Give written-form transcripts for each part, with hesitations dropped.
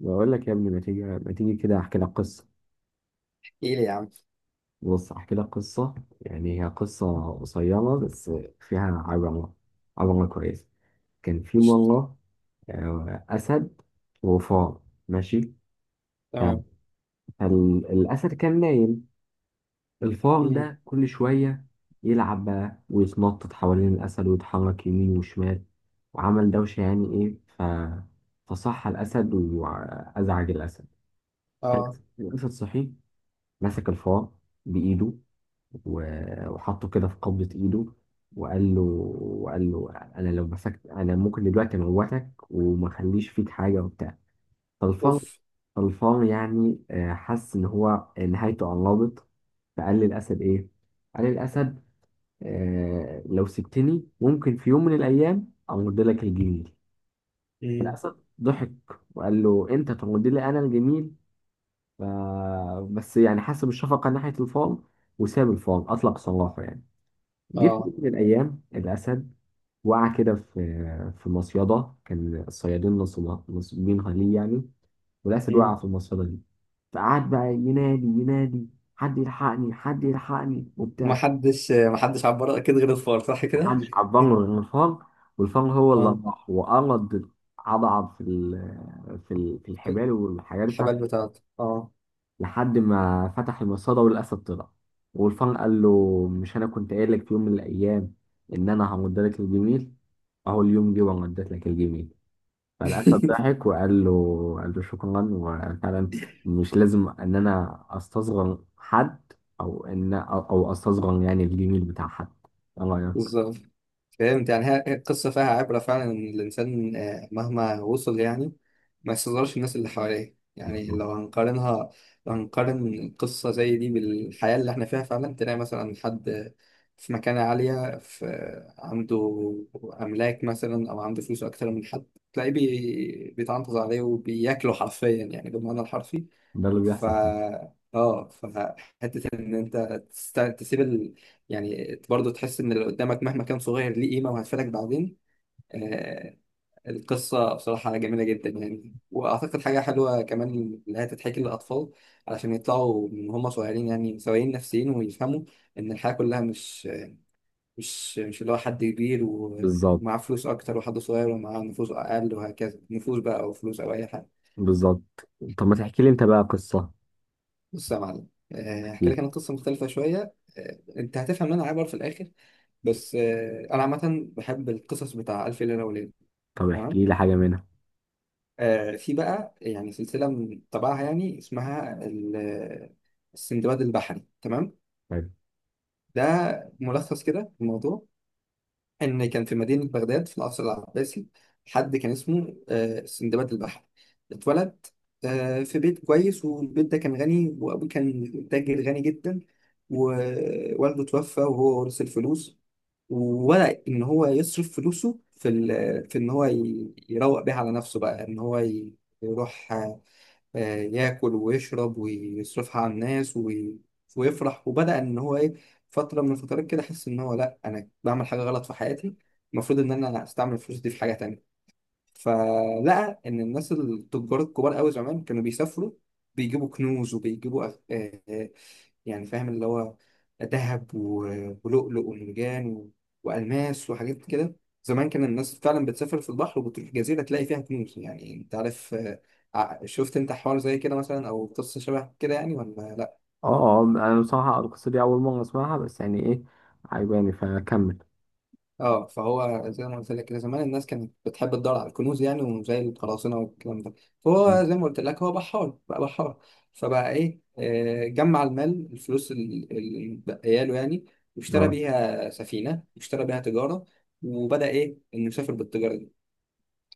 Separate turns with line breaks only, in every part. بقول لك يا ابني ما تيجي ما تيجي كده احكي لك قصه.
ايه ليه يا عم؟
بص احكي لك قصه، يعني هي قصه قصيره بس فيها عبره، عبره كويسه. كان في
قشطة.
مره اسد وفار. ماشي. ف-
تمام.
فالاسد كان نايم، الفار
امم.
ده كل شويه يلعب بقى ويتنطط حوالين الاسد ويتحرك يمين وشمال وعمل دوشه، يعني ايه فصح الاسد وازعج الاسد.
اه.
الأسد صحي، مسك الفار بايده وحطه كده في قبضة إيده، وقال له وقال له: أنا لو مسكت أنا ممكن دلوقتي أموتك وما أخليش فيك حاجة وبتاع. طلفان.
اوف.
طلفان يعني حس إن هو نهايته قربت. فقال للأسد إيه؟ قال للأسد لو سبتني ممكن في يوم من الأيام أمد لك الجميل.
امم.
الأسد ضحك وقال له: أنت تمد لي أنا الجميل؟ ف- بس يعني حس بالشفقة ناحية الفار وساب الفار، أطلق سراحه يعني. جه في
اه.
يوم من الأيام الأسد وقع كده في مصيدة، كان الصيادين نصبين ليه يعني، والأسد وقع
امم.
في المصيدة دي. فقعد بقى ينادي ينادي: حد يلحقني حد يلحقني وبتاع.
محدش عبر اكيد غير الفار، صح كده؟
محدش عبان غير الفار، والفار هو اللي
اه.
راح وقرض، عضعض في الحبال والحاجات بتاعت
الحبال بتاعته، اه.
لحد ما فتح المصاده والاسد طلع. والفان قال له: مش انا كنت قايل لك في يوم من الايام ان انا همد لك الجميل؟ اهو اليوم جه ومديت لك الجميل. فالاسد ضحك وقال له قال له: شكرا، وفعلا مش لازم ان انا استصغر حد، او ان او أو استصغر يعني الجميل بتاع حد. ايه رايك؟
بالظبط. فهمت، يعني هي القصة فيها عبرة فعلا، إن الإنسان مهما وصل يعني ما يستظهرش الناس اللي حواليه. يعني
بالظبط.
لو هنقارنها، لو هنقارن قصة زي دي بالحياة اللي إحنا فيها، فعلا تلاقي مثلا حد في مكانة عالية، عنده أملاك مثلا أو عنده فلوس أكتر من حد، تلاقيه بيتعنتز عليه وبياكله حرفيا، يعني بالمعنى الحرفي.
ده اللي
ف
بيحصل فيه.
اه فحته ان انت تسيب يعني برضه تحس ان اللي قدامك مهما كان صغير ليه قيمه وهتفيدك بعدين. آه... القصه بصراحه جميله جدا يعني، واعتقد حاجه حلوه كمان اللي هي تتحكي للاطفال، علشان يطلعوا من هم صغيرين يعني سويين نفسيين ويفهموا ان الحياه كلها مش اللي هو حد كبير
بالظبط،
ومعاه فلوس اكتر وحد صغير ومعاه نفوس اقل وهكذا، نفوس بقى او فلوس او اي حاجه.
بالظبط. طب ما تحكي لي انت بقى قصه.
بص يا معلم،
احكي
هحكي لك
لي.
انا قصه مختلفه شويه. انت هتفهم ان انا عبر في الاخر. بس انا عامه بحب القصص بتاع الف ليله وليله.
طب
تمام.
احكي لي حاجه منها.
في بقى يعني سلسله من طبعها، يعني اسمها السندباد البحري. تمام.
طيب.
ده ملخص كده الموضوع. ان كان في مدينه بغداد في العصر العباسي حد كان اسمه سندباد البحر. اتولد في بيت كويس، والبيت ده كان غني وابوه كان تاجر غني جدا، ووالده توفى وهو ورث الفلوس. وبدأ ان هو يصرف فلوسه في ان هو يروق بيها على نفسه، بقى ان هو يروح ياكل ويشرب ويصرفها على الناس ويفرح. وبدأ إن هو إيه، فترة من الفترات كده أحس إن هو لأ، أنا بعمل حاجة غلط في حياتي، المفروض إن أنا أستعمل الفلوس دي في حاجة تانية. فلقى ان الناس التجار الكبار قوي زمان كانوا بيسافروا بيجيبوا كنوز وبيجيبوا يعني فاهم اللي هو ذهب ولؤلؤ ومرجان والماس وحاجات كده. زمان كان الناس فعلا بتسافر في البحر وبتروح جزيره تلاقي فيها كنوز، يعني انت عارف. شفت انت حوار زي كده مثلا او قصه شبه كده يعني، ولا لا؟
اه، اه انا بصراحة القصة دي أول مرة أسمعها، بس يعني إيه عجباني فكمل.
اه، فهو زي ما قلت لك كده، زمان الناس كانت بتحب تدور على الكنوز يعني، وزي القراصنه والكلام ده. فهو زي ما قلت لك، هو بحار بقى، بحار. فبقى ايه، جمع المال، الفلوس اللي متبقيه له يعني، واشترى
اه.
بيها سفينه واشترى بيها تجاره. وبدأ ايه، انه يسافر بالتجاره دي.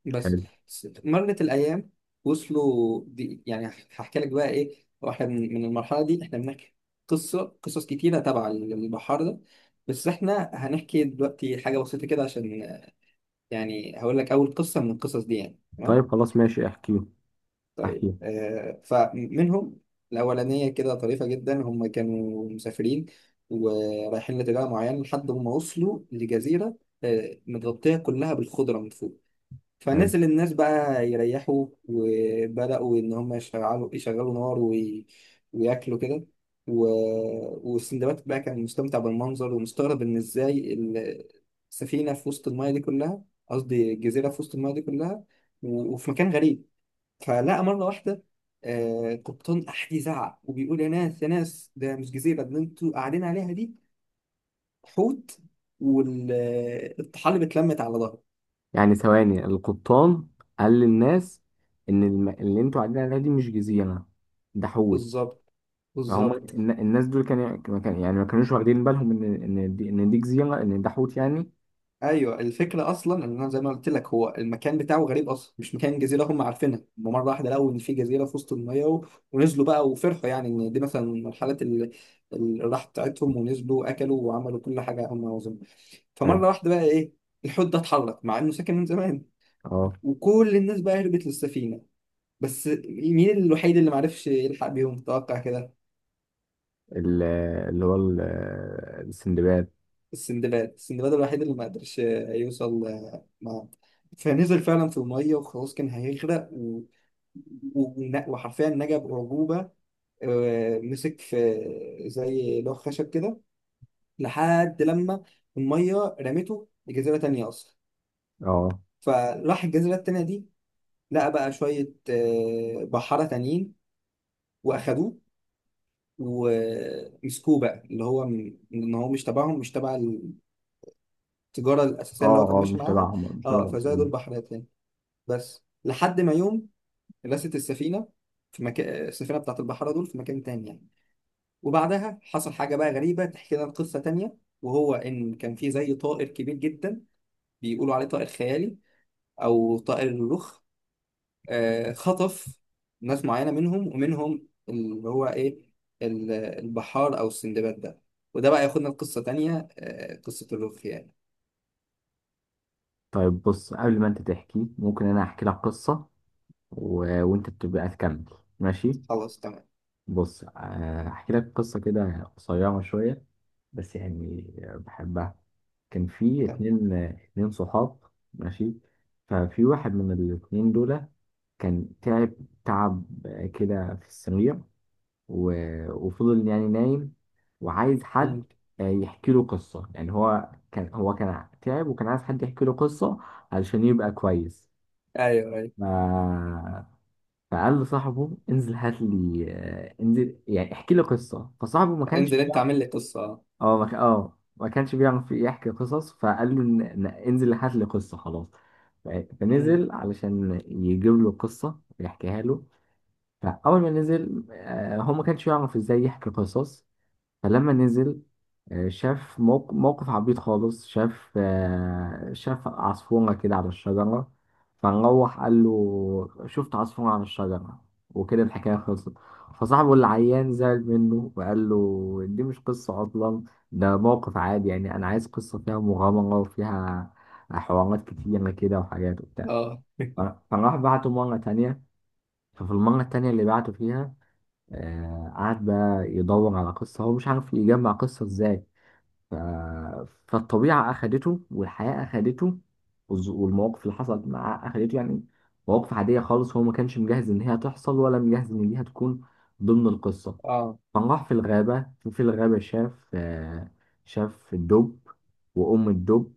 بس
حلو.
مرت الايام، وصلوا دي. يعني هحكي لك بقى ايه، واحنا من المرحله دي احنا بنحكي قصه، قصص كتيره تبع البحار ده. بس احنا هنحكي دلوقتي حاجه بسيطه كده، عشان يعني هقول لك اول قصه من القصص دي يعني. تمام.
طيب خلاص ماشي احكيه،
طيب،
احكيه.
فمنهم الاولانيه كده طريفه جدا. هم كانوا مسافرين ورايحين لاتجاه معين، لحد ما وصلوا لجزيره متغطيه كلها بالخضره من فوق.
حلو.
فنزل الناس بقى يريحوا، وبدأوا إن هم يشغلوا نار وياكلوا كده و... والسندباد بقى كان مستمتع بالمنظر، ومستغرب إن إزاي السفينة في وسط الماية دي كلها، قصدي الجزيرة في وسط الماية دي كلها وفي مكان غريب. فلقى مرة واحدة قبطان أحد يزعق وبيقول يا ناس يا ناس، ده مش جزيرة، ده اللي أنتوا قاعدين عليها دي حوت، والطحالب اتلمت على ظهره.
يعني ثواني، القبطان قال للناس إن اللي أنتوا قاعدين عليها دي مش جزيرة، ده حول.
بالظبط،
فهم
بالظبط.
الناس دول يعني ما كانوش واخدين بالهم إن دي جزيرة، إن ده حوت يعني.
ايوه، الفكره اصلا ان انا زي ما قلت لك، هو المكان بتاعه غريب اصلا مش مكان جزيره هم عارفينها هم، مره واحده لقوا ان في جزيره في وسط الميه، ونزلوا بقى وفرحوا يعني، ان دي مثلا من الحالات اللي الراحه بتاعتهم، ونزلوا واكلوا وعملوا كل حاجه هم عاوزينها.
حلو.
فمره واحده بقى ايه، الحوت ده اتحرك مع انه ساكن من زمان،
اه.
وكل الناس بقى هربت للسفينه. بس مين الوحيد اللي معرفش يلحق بيهم، تتوقع كده؟
ال- اللي هو ال- السندباد.
السندباد، السندباد الوحيد اللي ما قدرش يوصل. مع فنزل فعلا في المية وخلاص كان هيغرق وحرفيا نجا بأعجوبة. مسك في زي لوح خشب كده، لحد لما المية رمته لجزيرة تانية أصلا.
اه،
فراح الجزيرة التانية دي، لقى بقى شوية بحارة تانيين وأخدوه ومسكوه، بقى اللي هو إن هو مش تبعهم، مش تبع التجارة الأساسية اللي هو كان
اه. اه
ماشي
مش
معاها.
تبعهم، مش تبع
اه، فزادوا
المسلمين.
البحر تاني، بس لحد ما يوم رست السفينة في مكان، السفينة بتاعت البحارة دول في مكان تاني يعني. وبعدها حصل حاجة بقى غريبة تحكي لنا قصة تانية، وهو إن كان في زي طائر كبير جدا بيقولوا عليه طائر خيالي، أو طائر الرخ، خطف ناس معينة منهم، ومنهم اللي هو إيه، البحار أو السندباد ده. وده بقى ياخدنا لقصة تانية، قصة الرخ يعني.
طيب بص قبل ما انت تحكي ممكن انا احكي لك قصة وانت بتبقى تكمل. ماشي.
خلاص، تمام.
بص، احكي لك قصة كده قصيرة شوية بس، يعني بحبها. كان في
تمام.
اتنين صحاب. ماشي. ففي واحد من الاتنين دول كان تعب، تعب كده في السرير و... وفضل يعني نايم، وعايز حد
مم.
يحكي له قصة. يعني هو كان تعب وكان عايز حد يحكي له قصة علشان يبقى كويس.
أيوه، أيوه.
ما فقال لصاحبه: انزل هات لي، انزل يعني احكي لي قصه. فصاحبه ما كانش
انزل أنت،
بيعرف.
عامل لي قصة. أه.
اه، ما كانش بيعرف يحكي قصص. فقال له: انزل هات لي قصه خلاص. ف-
مم.
فنزل علشان يجيب له قصه ويحكيها له. فاول ما نزل، هو ما كانش يعرف ازاي يحكي قصص. فلما نزل شاف موقف عبيط خالص، شاف شاف عصفورة كده على الشجرة. فنروح قال له: شفت عصفورة على الشجرة. وكده الحكاية خلصت. فصاحبه اللي عيان زعل منه وقال له: دي مش قصة أصلا، ده موقف عادي. يعني أنا عايز قصة فيها مغامرة وفيها حوارات كتيرة كده وحاجات وبتاع.
أه.
ف- فراح بعته مرة تانية. ففي المرة التانية اللي بعته فيها، قعد بقى يدور على قصة، هو مش عارف يجمع قصة ازاي. ف... فالطبيعة أخدته والحياة أخدته والمواقف اللي حصلت معاه أخدته يعني. مواقف عادية خالص، هو ما كانش مجهز إن هي تحصل ولا مجهز إن دي هتكون ضمن القصة.
آه.
فراح في الغابة. في الغابة شاف شاف الدب وأم الدب،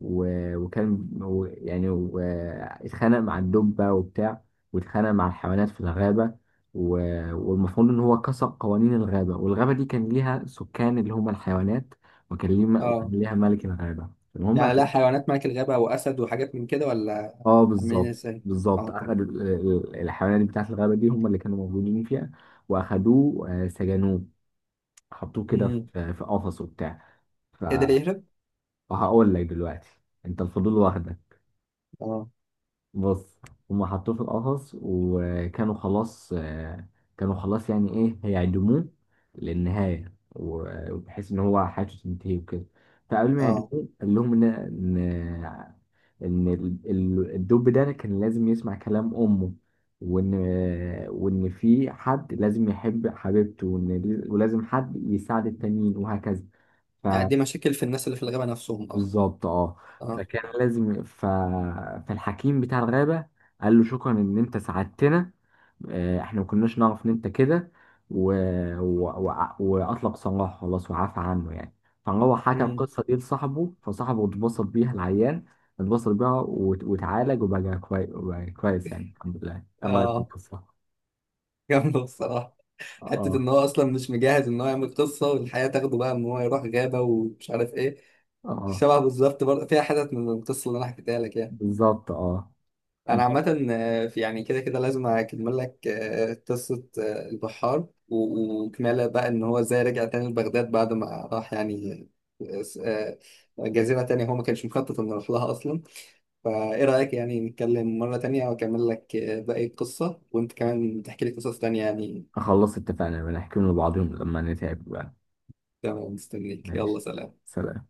و- وكان و- يعني و- اتخانق مع الدب بقى وبتاع، واتخانق مع الحيوانات في الغابة. والمفروض إن هو كسر قوانين الغابة، والغابة دي كان ليها سكان اللي هم الحيوانات، وكان
اه.
ليها ملك الغابة. المهم
يعني لا
أخد.
حيوانات ملك الغابة وأسد وحاجات من كده، ولا
اه
عاملين
بالظبط.
ازاي؟
بالظبط
اه، طيب.
أخد الحيوانات بتاعت الغابة دي هم اللي كانوا موجودين فيها، وأخدوه سجنوه، حطوه كده
امم.
في قفص وبتاع.
يقدر يهرب؟
فهقول لك دلوقتي، أنت الفضول واخدك.
اه،
بص، هم حطوه في القفص وكانوا خلاص، كانوا خلاص يعني إيه هيعدموه للنهاية، وبحيث إن هو حياته تنتهي وكده. فقبل ما
اه.
يعدموه قال لهم إن، إن ان الدب ده كان لازم يسمع كلام امه، وان في حد لازم يحب حبيبته، وان ولازم حد يساعد التانيين وهكذا.
يعني دي مشاكل في الناس اللي في الغابة نفسهم أصلا.
بالظبط اه.
اه.
فكان لازم فالحكيم بتاع الغابة قال له: شكرا ان انت ساعدتنا، احنا ما كناش نعرف ان انت كده، و... و... و... واطلق سراحه خلاص وعفى عنه يعني. فهو حكى
امم.
القصة دي لصاحبه، فصاحبه اتبسط بيها العيان، اتبسط بيها وتعالج وبقى كويس وبقى كويس يعني الحمد لله. ايه رايك في
اه
القصة؟
جامدة بصراحة. حتة
اه،
إن هو أصلا مش مجهز إن هو يعمل قصة، والحياة تاخده بقى إن هو يروح غابة ومش عارف إيه.
اه
شبه بالظبط، برضه فيها حتت من القصة اللي أنا حكيتها لك يعني.
بالظبط. اه ان
انا
شاء الله.
عامه في يعني كده كده لازم اكمل لك قصه البحار وكماله، بقى ان هو ازاي رجع تاني لبغداد بعد ما راح يعني آه، جزيره تانية هو ما كانش مخطط انه يروح لها اصلا. فايه رايك، يعني نتكلم مره تانية واكمل لك باقي القصه، وانت كمان تحكي لي قصص تانية يعني.
خلصت، اتفقنا بنحكي لبعضهم لما نتعب بقى.
تمام، مستنيك،
ماشي.
يلا سلام.
سلام.